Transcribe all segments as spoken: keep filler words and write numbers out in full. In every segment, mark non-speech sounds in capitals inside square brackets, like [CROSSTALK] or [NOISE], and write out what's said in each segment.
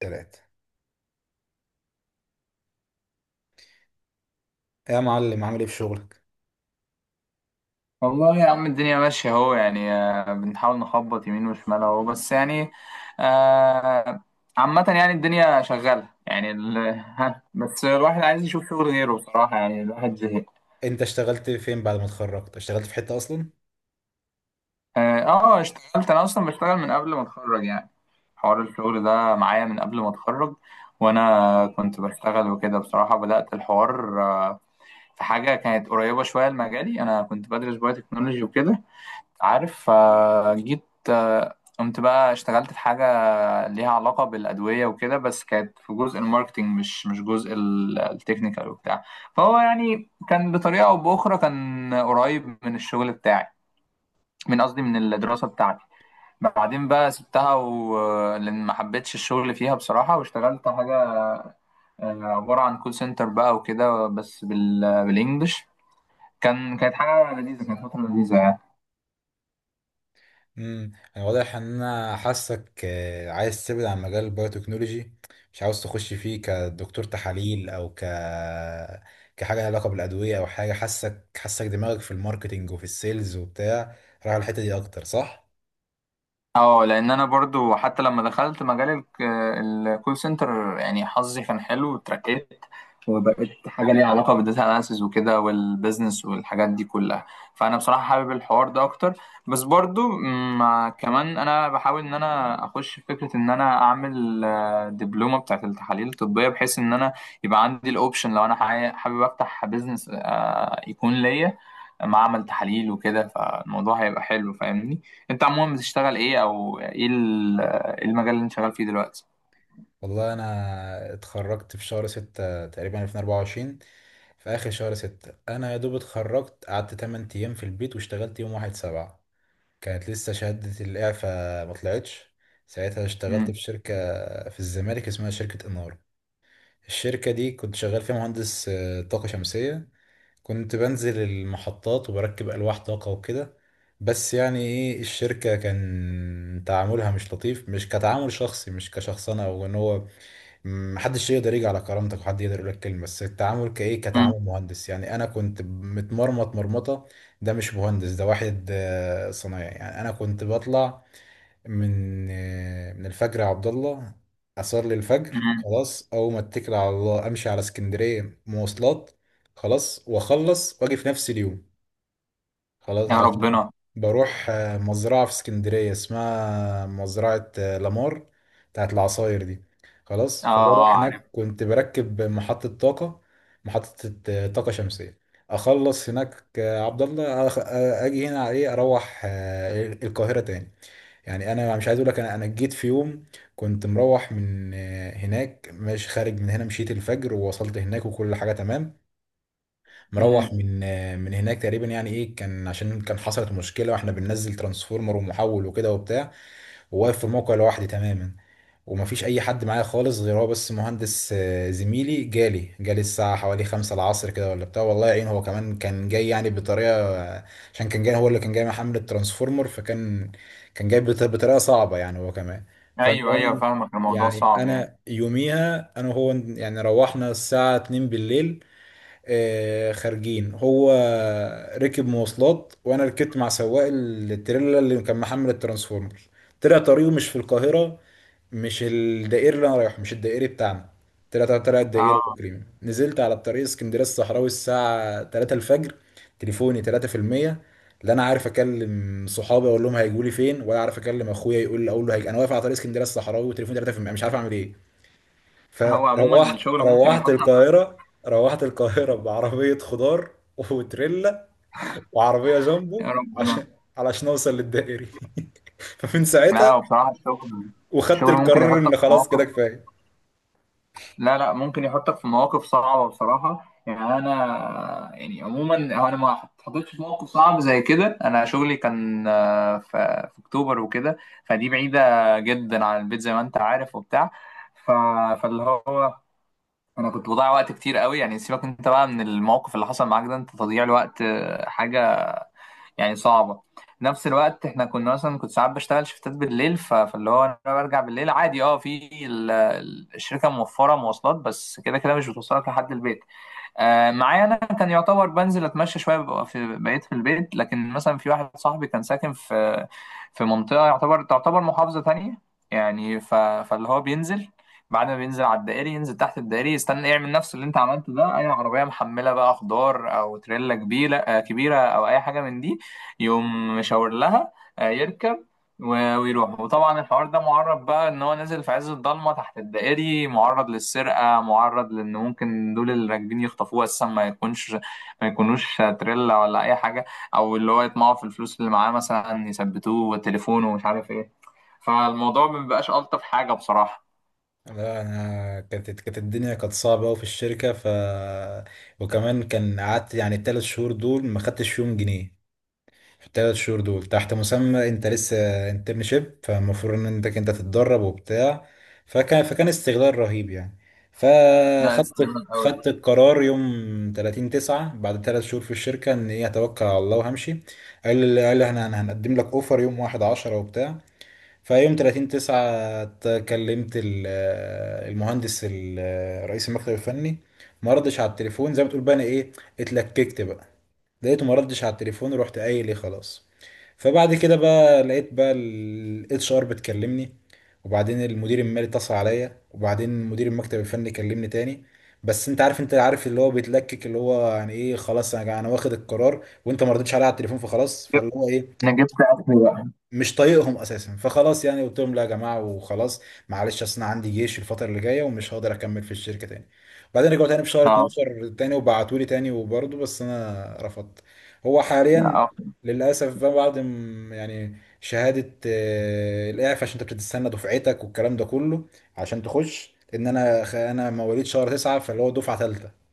تلاتة، يا معلم، عامل ايه في شغلك؟ والله يا عم، الدنيا ماشية اهو. يعني آه، بنحاول نخبط يمين وشمال اهو، بس يعني آه، عامة يعني الدنيا شغالة يعني ال... [LAUGHS] ها، بس الواحد عايز يشوف شغل غيره بصراحة، يعني الواحد زهق. انت اشتغلت فين بعد ما اتخرجت؟ اشتغلت في حتة اصلا؟ اه آه، اشتغلت انا اصلا، بشتغل من قبل ما اتخرج يعني. حوار الشغل ده معايا من قبل ما اتخرج، وانا كنت بشتغل وكده. بصراحة بدأت الحوار آه، في حاجة كانت قريبة شوية لمجالي. انا كنت بدرس بايو تكنولوجي وكده عارف، فجيت آه، قمت بقى اشتغلت في حاجة كان ليها علاقة بالأدوية وكده، بس كانت في جزء الماركتينج، مش مش جزء ال- التكنيكال وبتاع. فهو يعني كان بطريقة أو بأخرى كان قريب من الشغل بتاعي، من قصدي من الدراسة بتاعتي. بعدين بقى سبتها و... لأن ما حبيتش الشغل فيها بصراحة، واشتغلت حاجة آه، عبارة عن كول سنتر بقى وكده، بس بال... بالإنجلش. كان كانت حاجة لذيذة، كانت فترة لذيذة. امم انا واضح ان انا حاسك آه، عايز تبعد عن مجال البايوتكنولوجي، مش عاوز تخش فيه كدكتور تحاليل او ك كحاجة لها علاقة بالادوية او حاجة. حاسك حاسك دماغك في الماركتينج وفي السيلز وبتاع، رايح على الحتة دي اكتر، صح؟ اه، لان انا برضو حتى لما دخلت مجال الك- الكول سنتر يعني حظي كان حلو وترقيت، وبقيت حاجه ليها علاقه بالداتا اناليسز وكده والبيزنس والحاجات دي كلها. فانا بصراحه حابب الحوار ده اكتر، بس برضو مع كمان انا بحاول ان انا اخش في فكره ان انا اعمل آه، دبلومه بتاعت التحاليل الطبيه، بحيث ان انا يبقى عندي الاوبشن لو انا حي- حابب افتح بيزنس آه، يكون ليا معمل تحاليل وكده، فالموضوع هيبقى حلو فاهمني. انت عموما بتشتغل ايه، او ايه ال- المجال اللي انت شغال فيه دلوقتي؟ والله انا اتخرجت في شهر ستة تقريبا ألفين واربعة وعشرين. في اخر شهر ستة انا يا دوب اتخرجت، قعدت تمن ايام في البيت واشتغلت يوم واحد سبعة. كانت لسه شهادة الإعفاء ما طلعتش. ساعتها اشتغلت مم. في شركة في الزمالك اسمها شركة إنارة. الشركة دي كنت شغال فيها مهندس آه، طاقة شمسية، كنت بنزل المحطات وبركب ألواح طاقة وكده. بس يعني إيه، الشركة كان تعاملها مش لطيف، مش كتعامل شخصي، مش كشخص أنا أو إن هو محدش يقدر يجي على كرامتك وحد يقدر يقول لك كلمه، بس التعامل كايه مم. كتعامل مهندس. يعني انا كنت متمرمط مرمطه، ده مش مهندس، ده واحد آه، صنايعي. يعني انا كنت بطلع من آه، من الفجر، يا عبد الله، اصلي الفجر مم. خلاص، اول ما اتكل على الله امشي على اسكندريه مواصلات، خلاص، واخلص واجي في نفس اليوم. خلاص، يا عشان ربنا. بروح آه، مزرعة في اسكندرية اسمها مزرعة آه، لامار، بتاعت العصاير دي. خلاص، اه فبروح اه، عارف. هناك كنت بركب محطة طاقة، محطة آه، طاقة شمسية. أخلص هناك، آه، عبد الله، أخ- آه، أجي هنا على إيه، أروح آه، القاهرة تاني. يعني أنا مش عايز أقول لك، أنا أنا جيت في يوم كنت مروح من آه، هناك، مش خارج من هنا، مشيت الفجر ووصلت هناك وكل حاجة تمام. مروح مم. من من هناك تقريبا، يعني ايه، كان عشان كان حصلت مشكله واحنا بننزل ترانسفورمر ومحول وكده وبتاع، وواقف في الموقع لوحدي تماما ومفيش اي حد معايا خالص غير هو بس، مهندس آه، زميلي، جالي جالي الساعه حوالي خمسة العصر كده ولا بتاع. والله يعين، هو كمان كان جاي يعني بطريقه، آه، عشان كان جاي، هو اللي كان جاي محمل الترانسفورمر. فكان كان جاي بط- بطريقه صعبه، يعني هو كمان. ايوه ايوه فالمهم، فاهمك، الموضوع يعني صعب يعني. انا يوميها انا وهو يعني روحنا الساعه اثنين بالليل، آه، خارجين. هو ركب مواصلات، وانا ركبت مع سواق التريلا اللي كان محمل الترانسفورمر. طلع طريقه مش في القاهرة، مش الدائري اللي انا رايحه، مش الدائري بتاعنا، طلع طلع الدائري اه، تقريبا. نزلت على الطريق اسكندرية الصحراوي الساعة تلاتة الفجر، تليفوني ثلاثة في المية. لا انا عارف اكلم صحابي اقول لهم هيجوا لي فين، ولا عارف اكلم اخويا، يقول لي اقول له هيجي. انا واقف على طريق اسكندريه الصحراوي وتليفوني تلاتة بالمية، مش عارف اعمل ايه. هو عموما فروحت الشغل ممكن روحت يحطك. القاهرة، روحت القاهرة بعربية خضار وتريلا وعربية يا جامبو، ربنا. عشان علشان اوصل للدائري. [LAUGHS] فمن لا، ساعتها هو بصراحة الشغل، وخدت الشغل ممكن القرار يحطك ان في خلاص كده مواقف. كفاية. لا لا، ممكن يحطك في مواقف صعبة بصراحة. يعني أنا، يعني عموما، هو أنا ما اتحطيتش في موقف صعب زي كده. أنا شغلي كان آه، ف- في أكتوبر وكده، فدي بعيدة جدا عن البيت زي ما أنت عارف وبتاع. ف... فاللي هو أنا كنت بضيع وقت كتير قوي يعني. سيبك أنت بقى من الموقف اللي حصل معاك ده، أنت تضييع الوقت آه، حاجة يعني صعبة. نفس الوقت احنا كنا مثلا كنت ساعات بشتغل شفتات بالليل، ف- فاللي هو انا برجع بالليل عادي، اه في ال- الشركة موفرة مواصلات، بس كده كده مش بتوصلك لحد البيت آه، معايا انا كان يعتبر بنزل اتمشى شويه، ببقى في بقيت في البيت. لكن مثلا في واحد صاحبي كان ساكن في في منطقه يعتبر تعتبر محافظه تانية يعني. ف... فاللي هو بينزل، بعد ما بينزل على الدائري ينزل تحت الدائري يستنى، يعمل نفس اللي انت عملته ده، اي عربيه محمله بقى خضار او تريلا كبيره، آه، كبيره او اي حاجه من دي، يقوم مشاور لها. آه، يركب و- ويروح. وطبعا الحوار ده معرض بقى، ان هو نازل في عز الضلمه تحت الدائري، معرض للسرقه، معرض لان ممكن دول اللي راكبين يخطفوه اساسا، ما يكونش ما يكونوش تريلا ولا اي حاجه، او اللي هو يطمعوا في الفلوس اللي معاه مثلا يثبتوه وتليفونه ومش عارف ايه. فالموضوع ما بيبقاش الطف حاجه بصراحه. لا انا كانت كانت الدنيا كانت صعبة قوي في الشركة، ف وكمان كان قعدت يعني الثلاث شهور دول ما خدتش فيهم جنيه. في الثلاث شهور دول تحت مسمى انت لسه انترنشيب، فالمفروض ان انت انت تتدرب وبتاع. فكان فكان استغلال رهيب يعني. ناقص فخدت قوي. خدت القرار يوم تلاتين تسعة بعد ثلاث شهور في الشركة، ان ايه، هتوكل على الله وهمشي. قال قال احنا هن- هنقدم لك اوفر يوم واحد عشرة وبتاع. فيوم تلاتين تسعة كلمت ال- المهندس ال- رئيس المكتب الفني، ما ردش على التليفون، زي ما تقول بقى انا ايه، اتلككت بقى. لقيته ما ردش على التليفون ورحت قايل ايه خلاص. فبعد كده بقى لقيت بقى الاتش ار بتكلمني، وبعدين المدير المالي اتصل عليا، وبعدين مدير المكتب الفني كلمني تاني. بس انت عارف، انت عارف اللي هو بيتلكك، اللي هو يعني ايه خلاص، انا انا واخد القرار، وانت ما ردتش عليا على التليفون، فخلاص، فاللي هو ايه، انا جبت اكل بقى. مش طايقهم اساسا. فخلاص، يعني قلت لهم لا يا جماعه وخلاص، معلش اصل انا عندي جيش الفتره اللي جايه ومش هقدر اكمل في الشركه تاني. بعدين رجعوا تاني في شهر اه اثنا عشر تاني، وبعتوا لي تاني، وبرضه بس انا رفضت. هو حاليا اه للاسف بقى، بعد م- يعني شهاده آه، الاعفاء، عشان انت بتستنى دفعتك والكلام ده كله عشان تخش، ان انا، خ- انا مواليد شهر تسعة، فاللي هو دفعه ثالثه،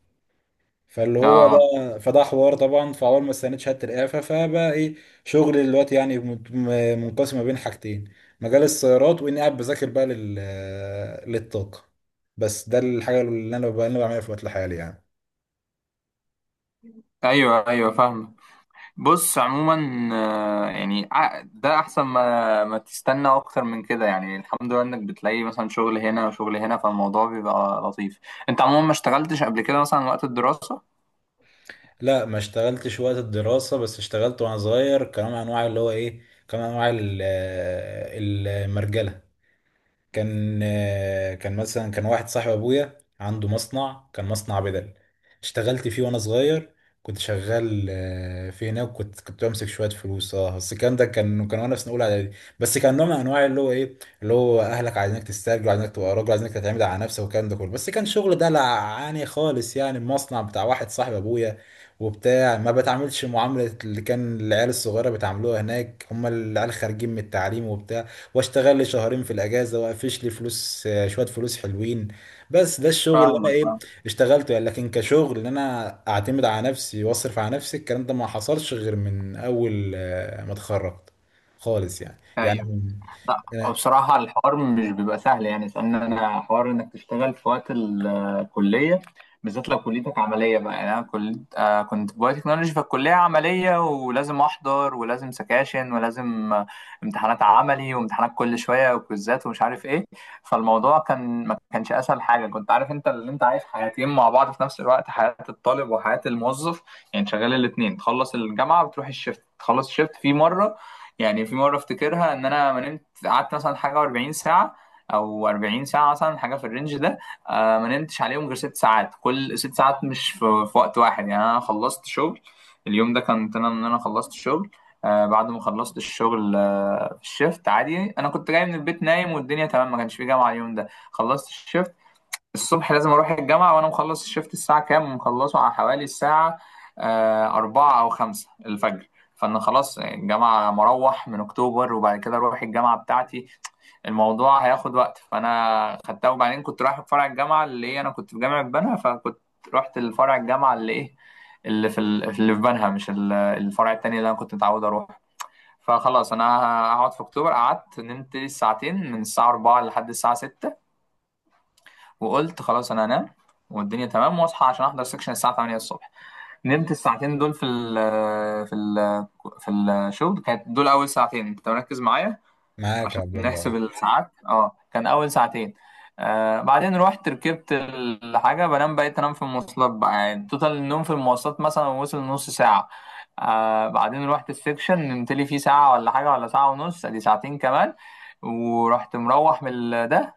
فاللي هو اه. ده، فده حوار طبعا. فاول ما استنيت شهاده الإعفاء، فبقى ايه، شغلي دلوقتي يعني مت- م- منقسم ما بين حاجتين، مجال السيارات، واني قاعد بذاكر بقى لل للطاقه. بس ده الحاجه اللي انا بقى- اللي أنا بعملها في وقت الحالي يعني. ايوه ايوه فاهمك. بص عموما، آه، يعني ع- ده احسن، ما ما تستنى اكتر من كده يعني. الحمد لله انك بتلاقي مثلا شغل هنا وشغل هنا، فالموضوع بيبقى لطيف. انت عموما ما اشتغلتش قبل كده مثلا وقت الدراسة؟ لا، ما اشتغلتش وقت الدراسه، بس اشتغلت وانا صغير كنوع من انواع اللي هو ايه، كنوع من انواع ال- المرجله. كان آه، كان مثلا كان واحد صاحب ابويا عنده مصنع، كان مصنع بدل، اشتغلت فيه وانا صغير. كنت شغال آه، في هناك، وكنت كنت بمسك شويه فلوس، اه، بس الكلام ده كان كان وانا في سنه اولى اعدادي. بس كان نوع من انواع اللي هو ايه، اللي هو اهلك عايزينك تسترجل، عايزينك تبقى راجل، عايزينك تعتمد على نفسك والكلام ده كله، بس كان شغل دلعاني خالص. يعني المصنع بتاع واحد صاحب ابويا وبتاع، ما بتعاملش معامله اللي كان العيال الصغيره بيتعاملوها هناك، هم العيال خارجين من التعليم وبتاع. واشتغل لي شهرين في الاجازه، وافيش لي فلوس آه، شويه فلوس حلوين. بس ده الشغل اللي انا فاهمك ايه، فاهمك. اشتغلته يعني. لكن كشغل ان انا اعتمد على نفسي واصرف على نفسي، الكلام ده ما حصلش غير من اول آه، ما اتخرجت خالص، يعني يعني ايوه. من لا، أنا. بصراحة الحوار مش بيبقى سهل يعني، لأن أنا حوار إنك تشتغل في وقت ال- الكلية، بالذات لو كليتك عملية بقى. يعني أنا كل... آه كنت في بايو تكنولوجي، فالكلية عملية ولازم أحضر ولازم سكاشن ولازم آه، امتحانات عملي وامتحانات كل شوية وكويزات ومش عارف إيه. فالموضوع كان ما كانش أسهل حاجة كنت عارف أنت، اللي أنت عايش حياتين مع بعض في نفس الوقت، حياة الطالب وحياة الموظف، يعني شغال الاتنين. تخلص الجامعة بتروح الشفت، تخلص الشفت. في مرة، يعني في مرة افتكرها، ان انا ما نمت قعدت مثلا حاجة أربعين ساعة او أربعين ساعة مثلا، حاجة في الرينج ده. آه، ما نمتش عليهم غير ست ساعات، كل ست ساعات مش في, في وقت واحد. يعني انا خلصت شغل اليوم ده، كنت انا ان انا خلصت شغل آه، بعد ما خلصت الشغل آه في الشيفت عادي. انا كنت جاي من البيت نايم والدنيا تمام، ما كانش في جامعة اليوم ده. خلصت الشيفت الصبح، لازم اروح الجامعه، وانا مخلص الشفت الساعه كام، مخلصه على حوالي الساعه آه، أربعة أو خمسة الفجر. فأنا خلاص، الجامعة مروح من أكتوبر، وبعد كده أروح الجامعة بتاعتي، الموضوع هياخد وقت. فأنا خدتها، وبعدين كنت رايح فرع الجامعة اللي إيه، أنا كنت في جامعة بنها، فكنت رحت لفرع الجامعة اللي إيه، اللي في ال- اللي في بنها، مش ال- الفرع التاني اللي أنا كنت متعود أروح. فخلاص أنا هقعد في أكتوبر، قعدت نمت ساعتين من الساعة أربعة لحد الساعة ستة وقلت خلاص انا هنام والدنيا تمام، واصحى عشان احضر سكشن الساعه تمانية الصبح. نمت الساعتين دول في ال في ال في الشغل، كانت دول اول ساعتين، انت مركز معايا معاك يا عشان عبد نحسب الله. الساعات. اه، كان اول ساعتين. آه بعدين رحت ركبت الحاجه بنام، بقيت انام في المواصلات بقى، يعني توتال النوم في المواصلات مثلا وصل نص ساعه. آه بعدين رحت السكشن نمت لي فيه ساعه ولا حاجه ولا ساعه ونص، ادي ساعتين كمان. ورحت مروح من ال- ده،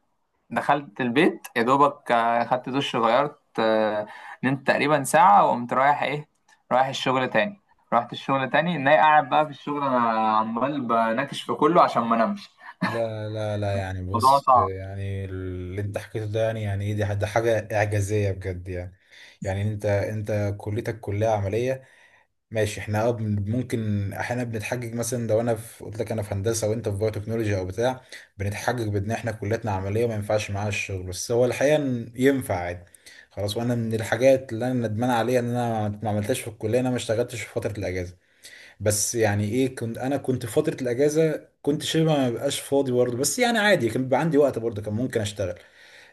دخلت البيت يا دوبك، آه، خدت دش غيرت آه، نمت تقريبا ساعة، وقمت رايح ايه، رايح الشغل تاني. رحت الشغل تاني، ناي قاعد بقى في الشغل انا عمال بناكش في كله عشان ما انامش. لا لا لا، يعني الموضوع بص، صعب. يعني اللي انت حكيته ده، يعني يعني ايه، دي دي حاجه اعجازيه بجد يعني. يعني انت انت كليتك كليه عمليه، ماشي، احنا اه بن- ممكن احيانا بنتحجج، مثلا لو انا في قلت لك انا في هندسه وانت في بايو تكنولوجي او بتاع، بنتحجج بان احنا كلياتنا عمليه ما ينفعش معاها الشغل، بس هو الحقيقه إن ينفع عادي. خلاص، وانا من الحاجات اللي انا ندمان عليها ان انا ما عملتهاش في الكليه، إن انا ما اشتغلتش في فتره الاجازه. بس يعني ايه، كنت انا كنت في فتره الاجازه كنت شبه ما بقاش فاضي برضه، بس يعني عادي كان بيبقى عندي وقت برضه، كان ممكن اشتغل.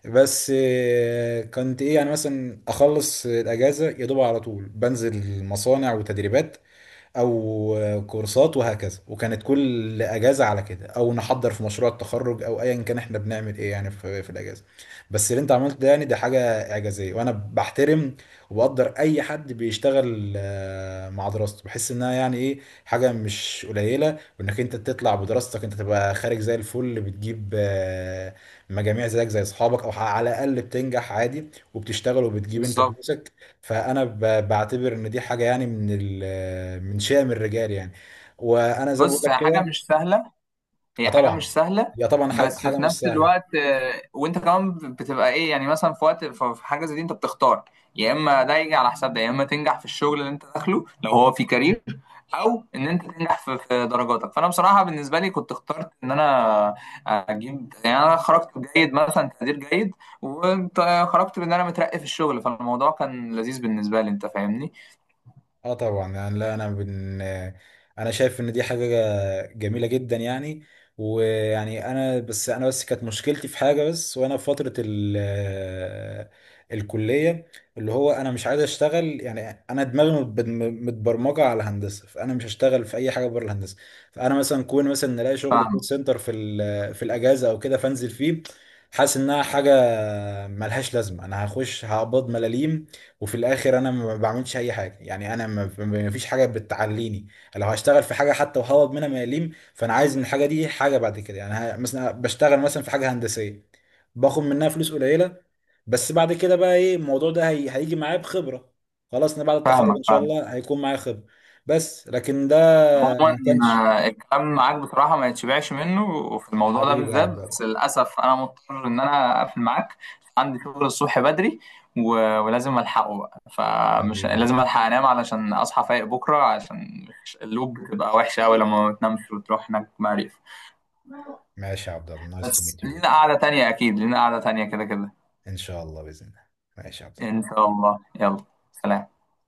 بس آه، كنت ايه يعني، مثلا اخلص الاجازه يا دوب على طول بنزل مصانع وتدريبات او كورسات وهكذا، وكانت كل اجازه على كده، او نحضر في مشروع التخرج او ايا كان احنا بنعمل ايه يعني في, في الاجازه. بس اللي انت عملته ده، يعني ده حاجه اعجازيه، وانا بحترم وبقدر اي حد بيشتغل آه، مع دراسته. بحس انها يعني ايه، حاجه مش قليله، وانك انت تطلع بدراستك، انت تبقى خارج زي الفل، بتجيب آه، مجاميع زيك زي اصحابك، او على الاقل بتنجح عادي، وبتشتغل وبتجيب انت بالظبط. فلوسك. فانا ب- بعتبر ان دي حاجه يعني من ال- من شأم الرجال يعني، وانا زي ما بقول بص، لك هي حاجة كده. مش سهلة، آه هي حاجة مش طبعا، سهلة. هي طبعا حاجه بس حاجة في مش نفس سهله. الوقت آه، وانت كمان بتبقى ايه، يعني مثلا في وقت في في حاجة زي دي انت بتختار، يا اما ده يجي على حساب ده، يا اما تنجح في الشغل اللي انت داخله لو هو في كارير، او ان انت تنجح في في درجاتك. فانا بصراحه بالنسبه لي كنت اخترت ان انا اجيب، يعني انا خرجت جيد، مثلا تقدير جيد، وخرجت بان انا مترقي في الشغل، فالموضوع كان لذيذ بالنسبه لي، انت فاهمني. اه طبعا، يعني لا انا، بن... انا شايف ان دي حاجه جميله جدا يعني. ويعني انا بس انا بس كانت مشكلتي في حاجه، بس وانا في فتره ال... الكليه، اللي هو انا مش عايز اشتغل، يعني انا دماغي مت- متبرمجه على الهندسه، فانا مش هشتغل في اي حاجه بره الهندسه. فانا مثلا كون مثلا نلاقي شغل كول فاهمك سنتر في ال... في الاجازه او كده فانزل فيه. حاسس انها حاجه ملهاش لازمه، انا هخش هقبض ملاليم، وفي الاخر انا ما بعملش اي حاجه، يعني انا ما ما فيش حاجه بتعليني. لو هشتغل في حاجه حتى وهوب منها ما يليم، فانا عايز من الحاجه دي حاجه بعد كده، يعني ه- مثلا بشتغل مثلا في حاجه هندسيه باخد منها فلوس قليله، بس بعد كده بقى ايه، الموضوع ده هي... هيجي معايا بخبره. خلاص، انا بعد التخرج فاهمك ان شاء فاهمك. الله هيكون معايا خبره. بس لكن ده عموما ما كانش. آه، الكلام معاك بصراحة ما يتشبعش منه، وفي الموضوع ده حبيبي يا بالذات، عبد الله. بس للأسف أنا مضطر إن أنا أقفل معاك. عندي شغل الصبح بدري، و- ولازم ألحقه بقى، فمش حبيبي يا عبد لازم الله. ألحق أنام علشان أصحى فايق بكرة، عشان اللوب بتبقى وحشة أوي لما ما بتنامش وتروح هناك معرفة. ماشي يا عبد الله، نايس تو بس ميت يو. لينا قعدة تانية، أكيد لينا قعدة تانية كده كده. ان شاء الله باذن الله. ماشي يا عبد الله. إن شاء الله، يلا، سلام.